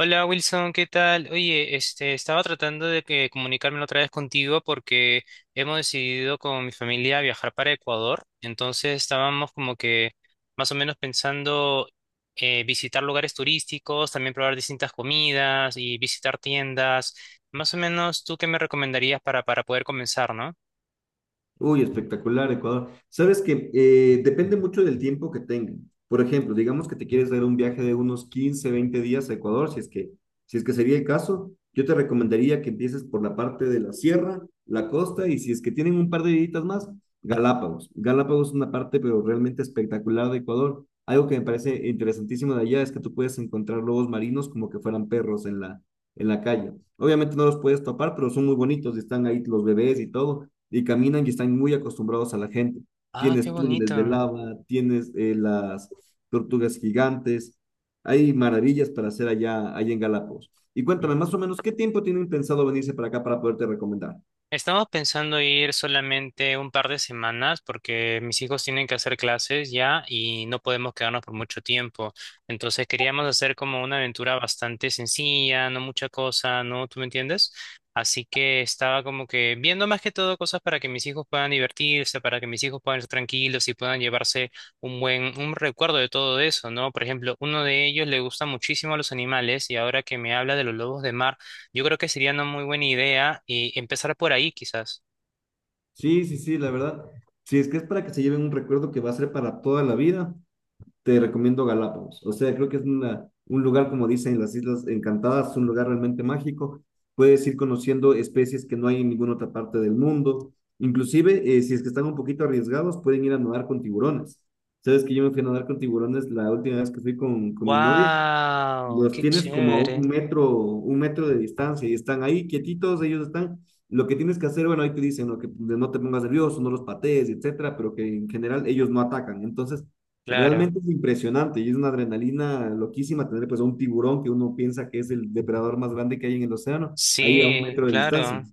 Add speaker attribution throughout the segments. Speaker 1: Hola Wilson, ¿qué tal? Oye, este, estaba tratando de que comunicarme otra vez contigo porque hemos decidido con mi familia viajar para Ecuador, entonces estábamos como que más o menos pensando, visitar lugares turísticos, también probar distintas comidas y visitar tiendas. Más o menos, ¿tú qué me recomendarías para poder comenzar, no?
Speaker 2: Uy, espectacular, Ecuador. Sabes que depende mucho del tiempo que tengan. Por ejemplo, digamos que te quieres dar un viaje de unos 15, 20 días a Ecuador, si es que sería el caso, yo te recomendaría que empieces por la parte de la sierra, la costa, y si es que tienen un par de días más, Galápagos. Galápagos es una parte, pero realmente espectacular de Ecuador. Algo que me parece interesantísimo de allá es que tú puedes encontrar lobos marinos como que fueran perros en la calle. Obviamente no los puedes topar, pero son muy bonitos y están ahí los bebés y todo y caminan y están muy acostumbrados a la gente.
Speaker 1: Ah, qué
Speaker 2: Tienes túneles de
Speaker 1: bonito.
Speaker 2: lava, tienes las tortugas gigantes, hay maravillas para hacer allá, allá en Galápagos. Y cuéntame, más o menos, ¿qué tiempo tienen pensado venirse para acá para poderte recomendar?
Speaker 1: Estamos pensando ir solamente un par de semanas porque mis hijos tienen que hacer clases ya y no podemos quedarnos por mucho tiempo. Entonces queríamos hacer como una aventura bastante sencilla, no mucha cosa, ¿no? ¿Tú me entiendes? Así que estaba como que viendo más que todo cosas para que mis hijos puedan divertirse, para que mis hijos puedan estar tranquilos y puedan llevarse un recuerdo de todo eso, ¿no? Por ejemplo, uno de ellos le gusta muchísimo a los animales y ahora que me habla de los lobos de mar. Yo creo que sería una muy buena idea y empezar por ahí quizás.
Speaker 2: Sí, sí, sí, la verdad. Sí, es que es para que se lleven un recuerdo que va a ser para toda la vida, te recomiendo Galápagos. O sea, creo que es una, un lugar, como dicen las Islas Encantadas, un lugar realmente mágico. Puedes ir conociendo especies que no hay en ninguna otra parte del mundo. Inclusive, si es que están un poquito arriesgados, pueden ir a nadar con tiburones. Sabes que yo me fui a nadar con tiburones la última vez que fui con mi novia.
Speaker 1: ¡Wow!
Speaker 2: Los
Speaker 1: ¡Qué
Speaker 2: tienes como a
Speaker 1: chévere!
Speaker 2: un metro de distancia y están ahí quietitos, ellos están, lo que tienes que hacer, bueno, ahí te dicen, ¿no?, que no te pongas nervioso, no los patees, etcétera, pero que en general ellos no atacan. Entonces,
Speaker 1: Claro.
Speaker 2: realmente es impresionante y es una adrenalina loquísima tener pues a un tiburón que uno piensa que es el depredador más grande que hay en el océano, ahí a un
Speaker 1: Sí,
Speaker 2: metro de distancia.
Speaker 1: claro.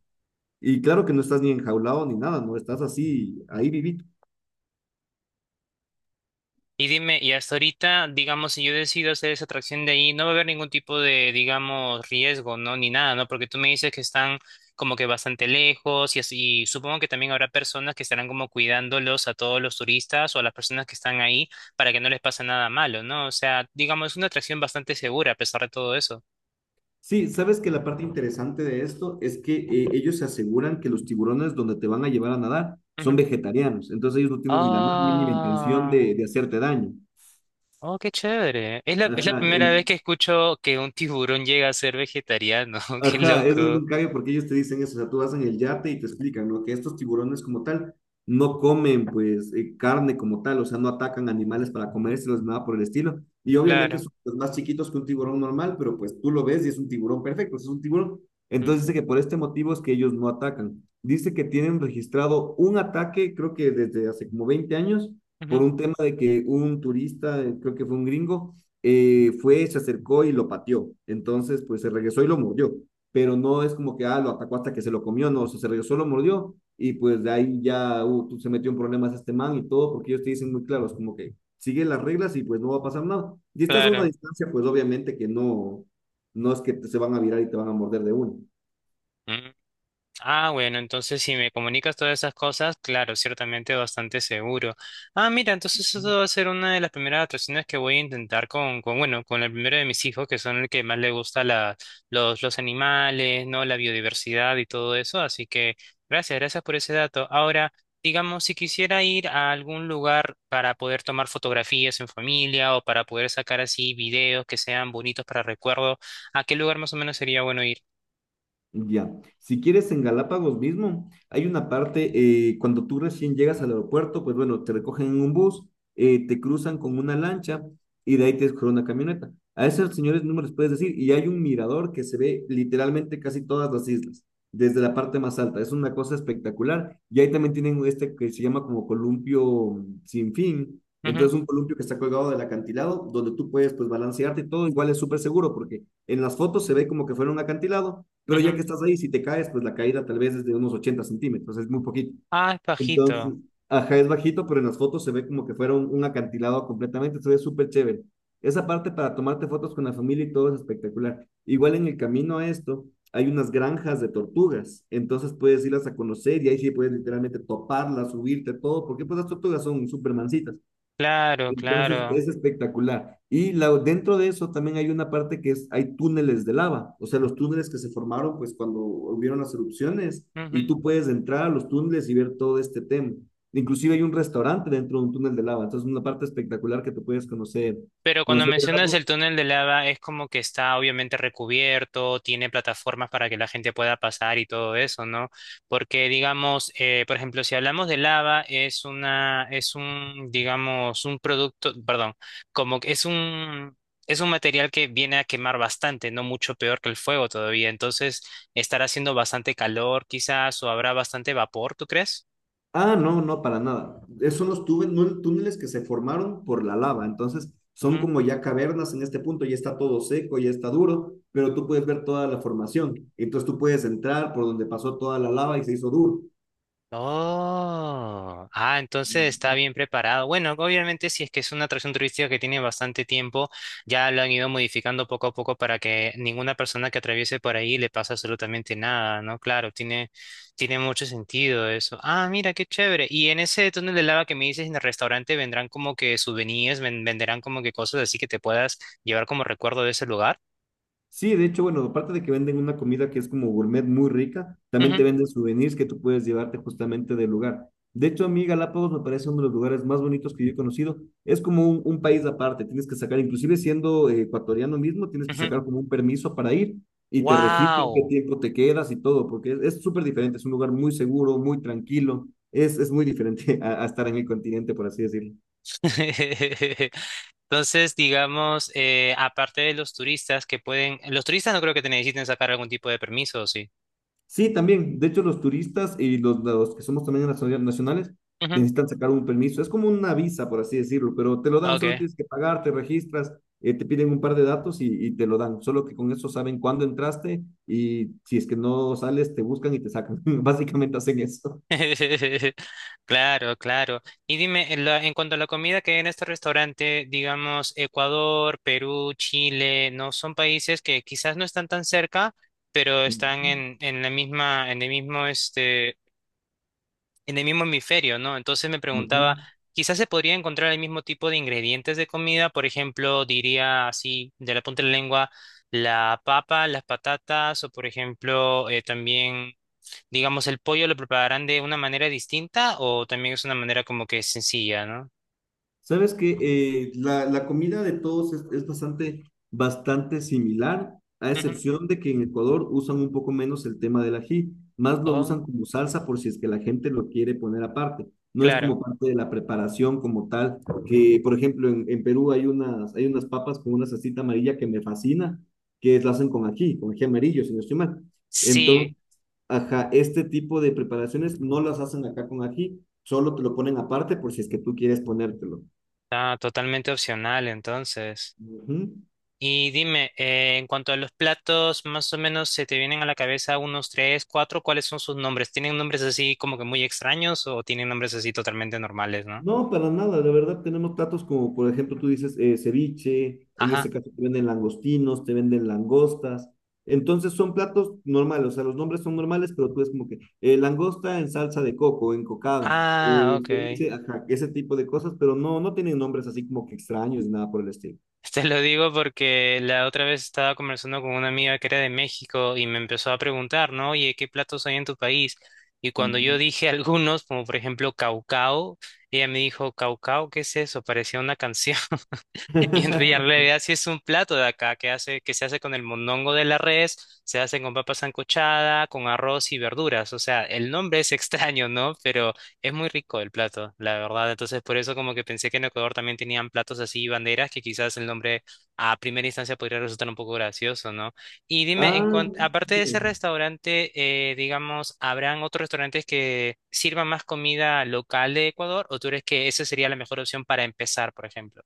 Speaker 2: Y claro que no estás ni enjaulado ni nada, no estás así, ahí vivito.
Speaker 1: Y dime, y hasta ahorita, digamos, si yo decido hacer esa atracción de ahí, no va a haber ningún tipo de, digamos, riesgo, ¿no? Ni nada, ¿no? Porque tú me dices que están como que bastante lejos y así, y supongo que también habrá personas que estarán como cuidándolos a todos los turistas o a las personas que están ahí para que no les pase nada malo, ¿no? O sea, digamos, es una atracción bastante segura a pesar de todo eso.
Speaker 2: Sí, sabes que la parte interesante de esto es que ellos se aseguran que los tiburones donde te van a llevar a nadar son vegetarianos, entonces ellos no tienen ni la más mínima intención
Speaker 1: Ah,
Speaker 2: de hacerte daño.
Speaker 1: oh, qué chévere. Es la
Speaker 2: Ajá,
Speaker 1: primera vez
Speaker 2: en-
Speaker 1: que escucho que un tiburón llega a ser vegetariano. Qué
Speaker 2: Ajá, eso es
Speaker 1: loco.
Speaker 2: un cambio porque ellos te dicen eso, o sea, tú vas en el yate y te explican, ¿no? Que estos tiburones como tal no comen pues carne como tal, o sea, no atacan animales para comérselos, nada por el estilo. Y obviamente
Speaker 1: Claro.
Speaker 2: son pues, más chiquitos que un tiburón normal, pero pues tú lo ves y es un tiburón perfecto, es un tiburón.
Speaker 1: Mm,
Speaker 2: Entonces dice que por este motivo es que ellos no atacan. Dice que tienen registrado un ataque, creo que desde hace como 20 años, por
Speaker 1: ujú.
Speaker 2: un tema de que un turista, creo que fue un gringo, se acercó y lo pateó. Entonces, pues se regresó y lo mordió, pero no es como que, ah, lo atacó hasta que se lo comió, no, o sea, se regresó, lo mordió y pues de ahí ya se metió en problemas este man y todo, porque ellos te dicen muy claros, como que sigue las reglas y pues no va a pasar nada. Y estás a una
Speaker 1: Claro.
Speaker 2: distancia, pues obviamente que no, no es que te, se van a virar y te van a morder de uno.
Speaker 1: Ah, bueno, entonces si me comunicas todas esas cosas, claro, ciertamente bastante seguro. Ah, mira, entonces eso va a ser una de las primeras atracciones que voy a intentar con bueno, con el primero de mis hijos, que son el que más le gusta los animales, ¿no? La biodiversidad y todo eso. Así que gracias por ese dato. Ahora, digamos, si quisiera ir a algún lugar para poder tomar fotografías en familia o para poder sacar así videos que sean bonitos para recuerdo, ¿a qué lugar más o menos sería bueno ir?
Speaker 2: Ya, si quieres en Galápagos mismo, hay una parte, cuando tú recién llegas al aeropuerto, pues bueno, te recogen en un bus, te cruzan con una lancha y de ahí te escogen una camioneta. A esos señores no me les puedes decir, y hay un mirador que se ve literalmente casi todas las islas, desde la parte más alta, es una cosa espectacular. Y ahí también tienen este que se llama como columpio sin fin,
Speaker 1: Ujú,
Speaker 2: entonces un columpio que está colgado del acantilado, donde tú puedes pues balancearte y todo, igual es súper seguro, porque en las fotos se ve como que fuera un acantilado, pero ya
Speaker 1: ujú.
Speaker 2: que estás ahí, si te caes, pues la caída tal vez es de unos 80 centímetros, es muy poquito.
Speaker 1: Ah, es
Speaker 2: Entonces,
Speaker 1: bajito.
Speaker 2: ajá, es bajito, pero en las fotos se ve como que fuera un acantilado completamente, se ve súper chévere. Esa parte para tomarte fotos con la familia y todo es espectacular. Igual en el camino a esto, hay unas granjas de tortugas, entonces puedes irlas a conocer y ahí sí puedes literalmente toparlas, subirte, todo, porque pues las tortugas son súper mansitas,
Speaker 1: Claro,
Speaker 2: entonces
Speaker 1: claro.
Speaker 2: es espectacular. Y la, dentro de eso también hay una parte que es, hay túneles de lava, o sea, los túneles que se formaron pues cuando hubieron las erupciones y
Speaker 1: Ujú.
Speaker 2: tú puedes entrar a los túneles y ver todo este tema. Inclusive hay un restaurante dentro de un túnel de lava, entonces una parte espectacular que tú puedes conocer,
Speaker 1: Pero cuando
Speaker 2: conocer
Speaker 1: mencionas el túnel de lava, es como que está obviamente recubierto, tiene plataformas para que la gente pueda pasar y todo eso, ¿no? Porque, digamos, por ejemplo, si hablamos de lava, es un, digamos, un producto, perdón, como que es un material que viene a quemar bastante, no mucho peor que el fuego todavía. Entonces, estará haciendo bastante calor, quizás, o habrá bastante vapor, ¿tú crees?
Speaker 2: Ah, no, no, para nada. Son los túneles que se formaron por la lava. Entonces, son como ya cavernas en este punto, ya está todo seco, ya está duro, pero tú puedes ver toda la formación. Entonces, tú puedes entrar por donde pasó toda la lava y se hizo duro.
Speaker 1: Oh, ah, entonces está bien preparado. Bueno, obviamente si es que es una atracción turística que tiene bastante tiempo, ya lo han ido modificando poco a poco para que ninguna persona que atraviese por ahí le pase absolutamente nada, ¿no? Claro, tiene mucho sentido eso. Ah, mira, qué chévere. Y en ese túnel de lava que me dices en el restaurante vendrán como que souvenirs, venderán como que cosas así que te puedas llevar como recuerdo de ese lugar.
Speaker 2: Sí, de hecho, bueno, aparte de que venden una comida que es como gourmet muy rica, también te
Speaker 1: Ujú,
Speaker 2: venden souvenirs que tú puedes llevarte justamente del lugar. De hecho, a mí Galápagos me parece uno de los lugares más bonitos que yo he conocido. Es como un país aparte, tienes que sacar, inclusive siendo ecuatoriano mismo, tienes que
Speaker 1: ujú.
Speaker 2: sacar como un permiso para ir y te registran qué
Speaker 1: Wow.
Speaker 2: tiempo te quedas y todo, porque es súper diferente, es un lugar muy seguro, muy tranquilo, es muy diferente a estar en el continente, por así decirlo.
Speaker 1: Entonces, digamos, aparte de los turistas los turistas no creo que te necesiten sacar algún tipo de permiso, ¿o sí?
Speaker 2: Sí, también. De hecho, los turistas y los que somos también nacionales
Speaker 1: Ujú,
Speaker 2: necesitan sacar un permiso. Es como una visa, por así decirlo, pero te lo dan,
Speaker 1: ok.
Speaker 2: solo tienes que pagar, te registras, te piden un par de datos y te lo dan. Solo que con eso saben cuándo entraste y si es que no sales, te buscan y te sacan. Básicamente hacen eso.
Speaker 1: Claro, claro. Y dime, en cuanto a la comida que hay en este restaurante, digamos, Ecuador, Perú, Chile, no son países que quizás no están tan cerca, pero están
Speaker 2: Ujú,
Speaker 1: en la misma, en el mismo, este, en el mismo hemisferio, ¿no? Entonces me preguntaba,
Speaker 2: ujú.
Speaker 1: quizás se podría encontrar el mismo tipo de ingredientes de comida, por ejemplo, diría así, de la punta de la lengua, la papa, las patatas, o por ejemplo, también, digamos, el pollo lo prepararán de una manera distinta o también es una manera como que sencilla, ¿no?
Speaker 2: Sabes que la, la comida de todos es bastante, bastante similar, a
Speaker 1: Ujú.
Speaker 2: excepción de que en Ecuador usan un poco menos el tema del ají, más lo
Speaker 1: Oh,
Speaker 2: usan como salsa por si es que la gente lo quiere poner aparte. No es
Speaker 1: claro.
Speaker 2: como parte de la preparación como tal, que por ejemplo en Perú hay unas papas con una salsita amarilla que me fascina, que la hacen con ají amarillo, si no estoy mal. Entonces,
Speaker 1: Sí,
Speaker 2: ajá, este tipo de preparaciones no las hacen acá con ají, solo te lo ponen aparte por si es que tú quieres ponértelo.
Speaker 1: está totalmente opcional entonces.
Speaker 2: Ujú.
Speaker 1: Y dime, en cuanto a los platos, más o menos se te vienen a la cabeza unos tres, cuatro, ¿cuáles son sus nombres? ¿Tienen nombres así como que muy extraños o tienen nombres así totalmente normales, no?
Speaker 2: No, para nada, de verdad tenemos platos como, por ejemplo, tú dices ceviche, en este
Speaker 1: Ajá.
Speaker 2: caso te venden langostinos, te venden langostas, entonces son platos normales, o sea, los nombres son normales, pero tú es como que langosta en salsa de coco, en cocada,
Speaker 1: Ah, ok.
Speaker 2: ceviche, ajá, ese tipo de cosas, pero no, no tienen nombres así como que extraños ni nada por el estilo.
Speaker 1: Te lo digo porque la otra vez estaba conversando con una amiga que era de México y me empezó a preguntar, ¿no? Oye, ¿qué platos hay en tu país? Y cuando yo
Speaker 2: Ujú.
Speaker 1: dije algunos, como por ejemplo caucao, ella me dijo, ¿caucao? ¿Qué es eso? Parecía una canción. Y en realidad sí es un plato de acá que se hace con el mondongo de la res, se hace con papa sancochada, con arroz y verduras. O sea, el nombre es extraño, ¿no? Pero es muy rico el plato, la verdad. Entonces, por eso como que pensé que en Ecuador también tenían platos así y banderas, que quizás el nombre a primera instancia podría resultar un poco gracioso, ¿no? Y dime,
Speaker 2: Ah,
Speaker 1: aparte de ese
Speaker 2: ok.
Speaker 1: restaurante, digamos, ¿habrán otros restaurantes que sirvan más comida local de Ecuador? ¿O tú crees que esa sería la mejor opción para empezar, por ejemplo?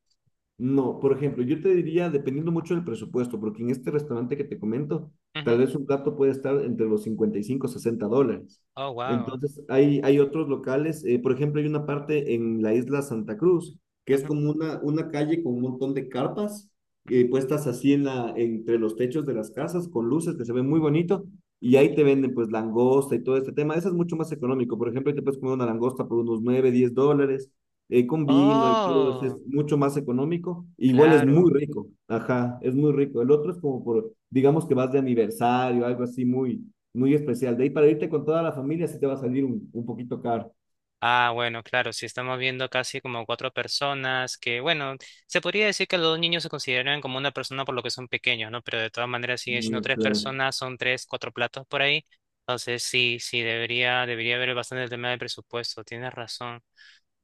Speaker 2: No, por ejemplo, yo te diría, dependiendo mucho del presupuesto, porque en este restaurante que te comento, tal vez un plato puede estar entre los 55 y 60 dólares.
Speaker 1: Oh, wow.
Speaker 2: Entonces, hay otros locales, por ejemplo, hay una parte en la isla Santa Cruz, que es como una calle con un montón de carpas puestas así en la, entre los techos de las casas, con luces que se ven muy bonito, y ahí te venden pues langosta y todo este tema. Eso es mucho más económico. Por ejemplo, ahí te puedes comer una langosta por unos 9, 10 dólares con vino y todo,
Speaker 1: Oh,
Speaker 2: es mucho más económico. E Igual es muy
Speaker 1: claro.
Speaker 2: rico, ajá, es muy rico. El otro es como por, digamos que vas de aniversario, algo así muy, muy especial. De ahí para irte con toda la familia sí te va a salir un poquito caro.
Speaker 1: Ah, bueno, claro, si estamos viendo casi como cuatro personas que, bueno, se podría decir que los dos niños se consideran como una persona por lo que son pequeños, ¿no? Pero de todas maneras siguen siendo
Speaker 2: Mm,
Speaker 1: tres
Speaker 2: claro.
Speaker 1: personas, son tres, cuatro platos por ahí. Entonces sí, sí, debería haber bastante el tema del presupuesto, tienes razón.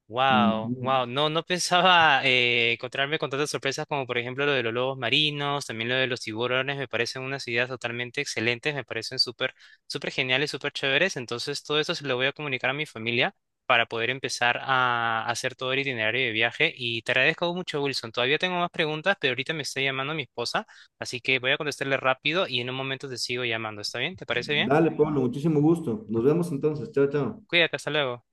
Speaker 1: Wow,
Speaker 2: Ujú.
Speaker 1: wow, no, no pensaba encontrarme con tantas sorpresas como por ejemplo lo de los lobos marinos, también lo de los tiburones, me parecen unas ideas totalmente excelentes, me parecen súper geniales, súper chéveres, entonces todo eso se lo voy a comunicar a mi familia para poder empezar a hacer todo el itinerario de viaje y te agradezco mucho, Wilson, todavía tengo más preguntas, pero ahorita me está llamando mi esposa, así que voy a contestarle rápido y en un momento te sigo llamando, ¿está bien? ¿Te parece bien?
Speaker 2: Dale, Pablo, muchísimo gusto. Nos vemos entonces. Chao, chao.
Speaker 1: Cuídate, hasta luego.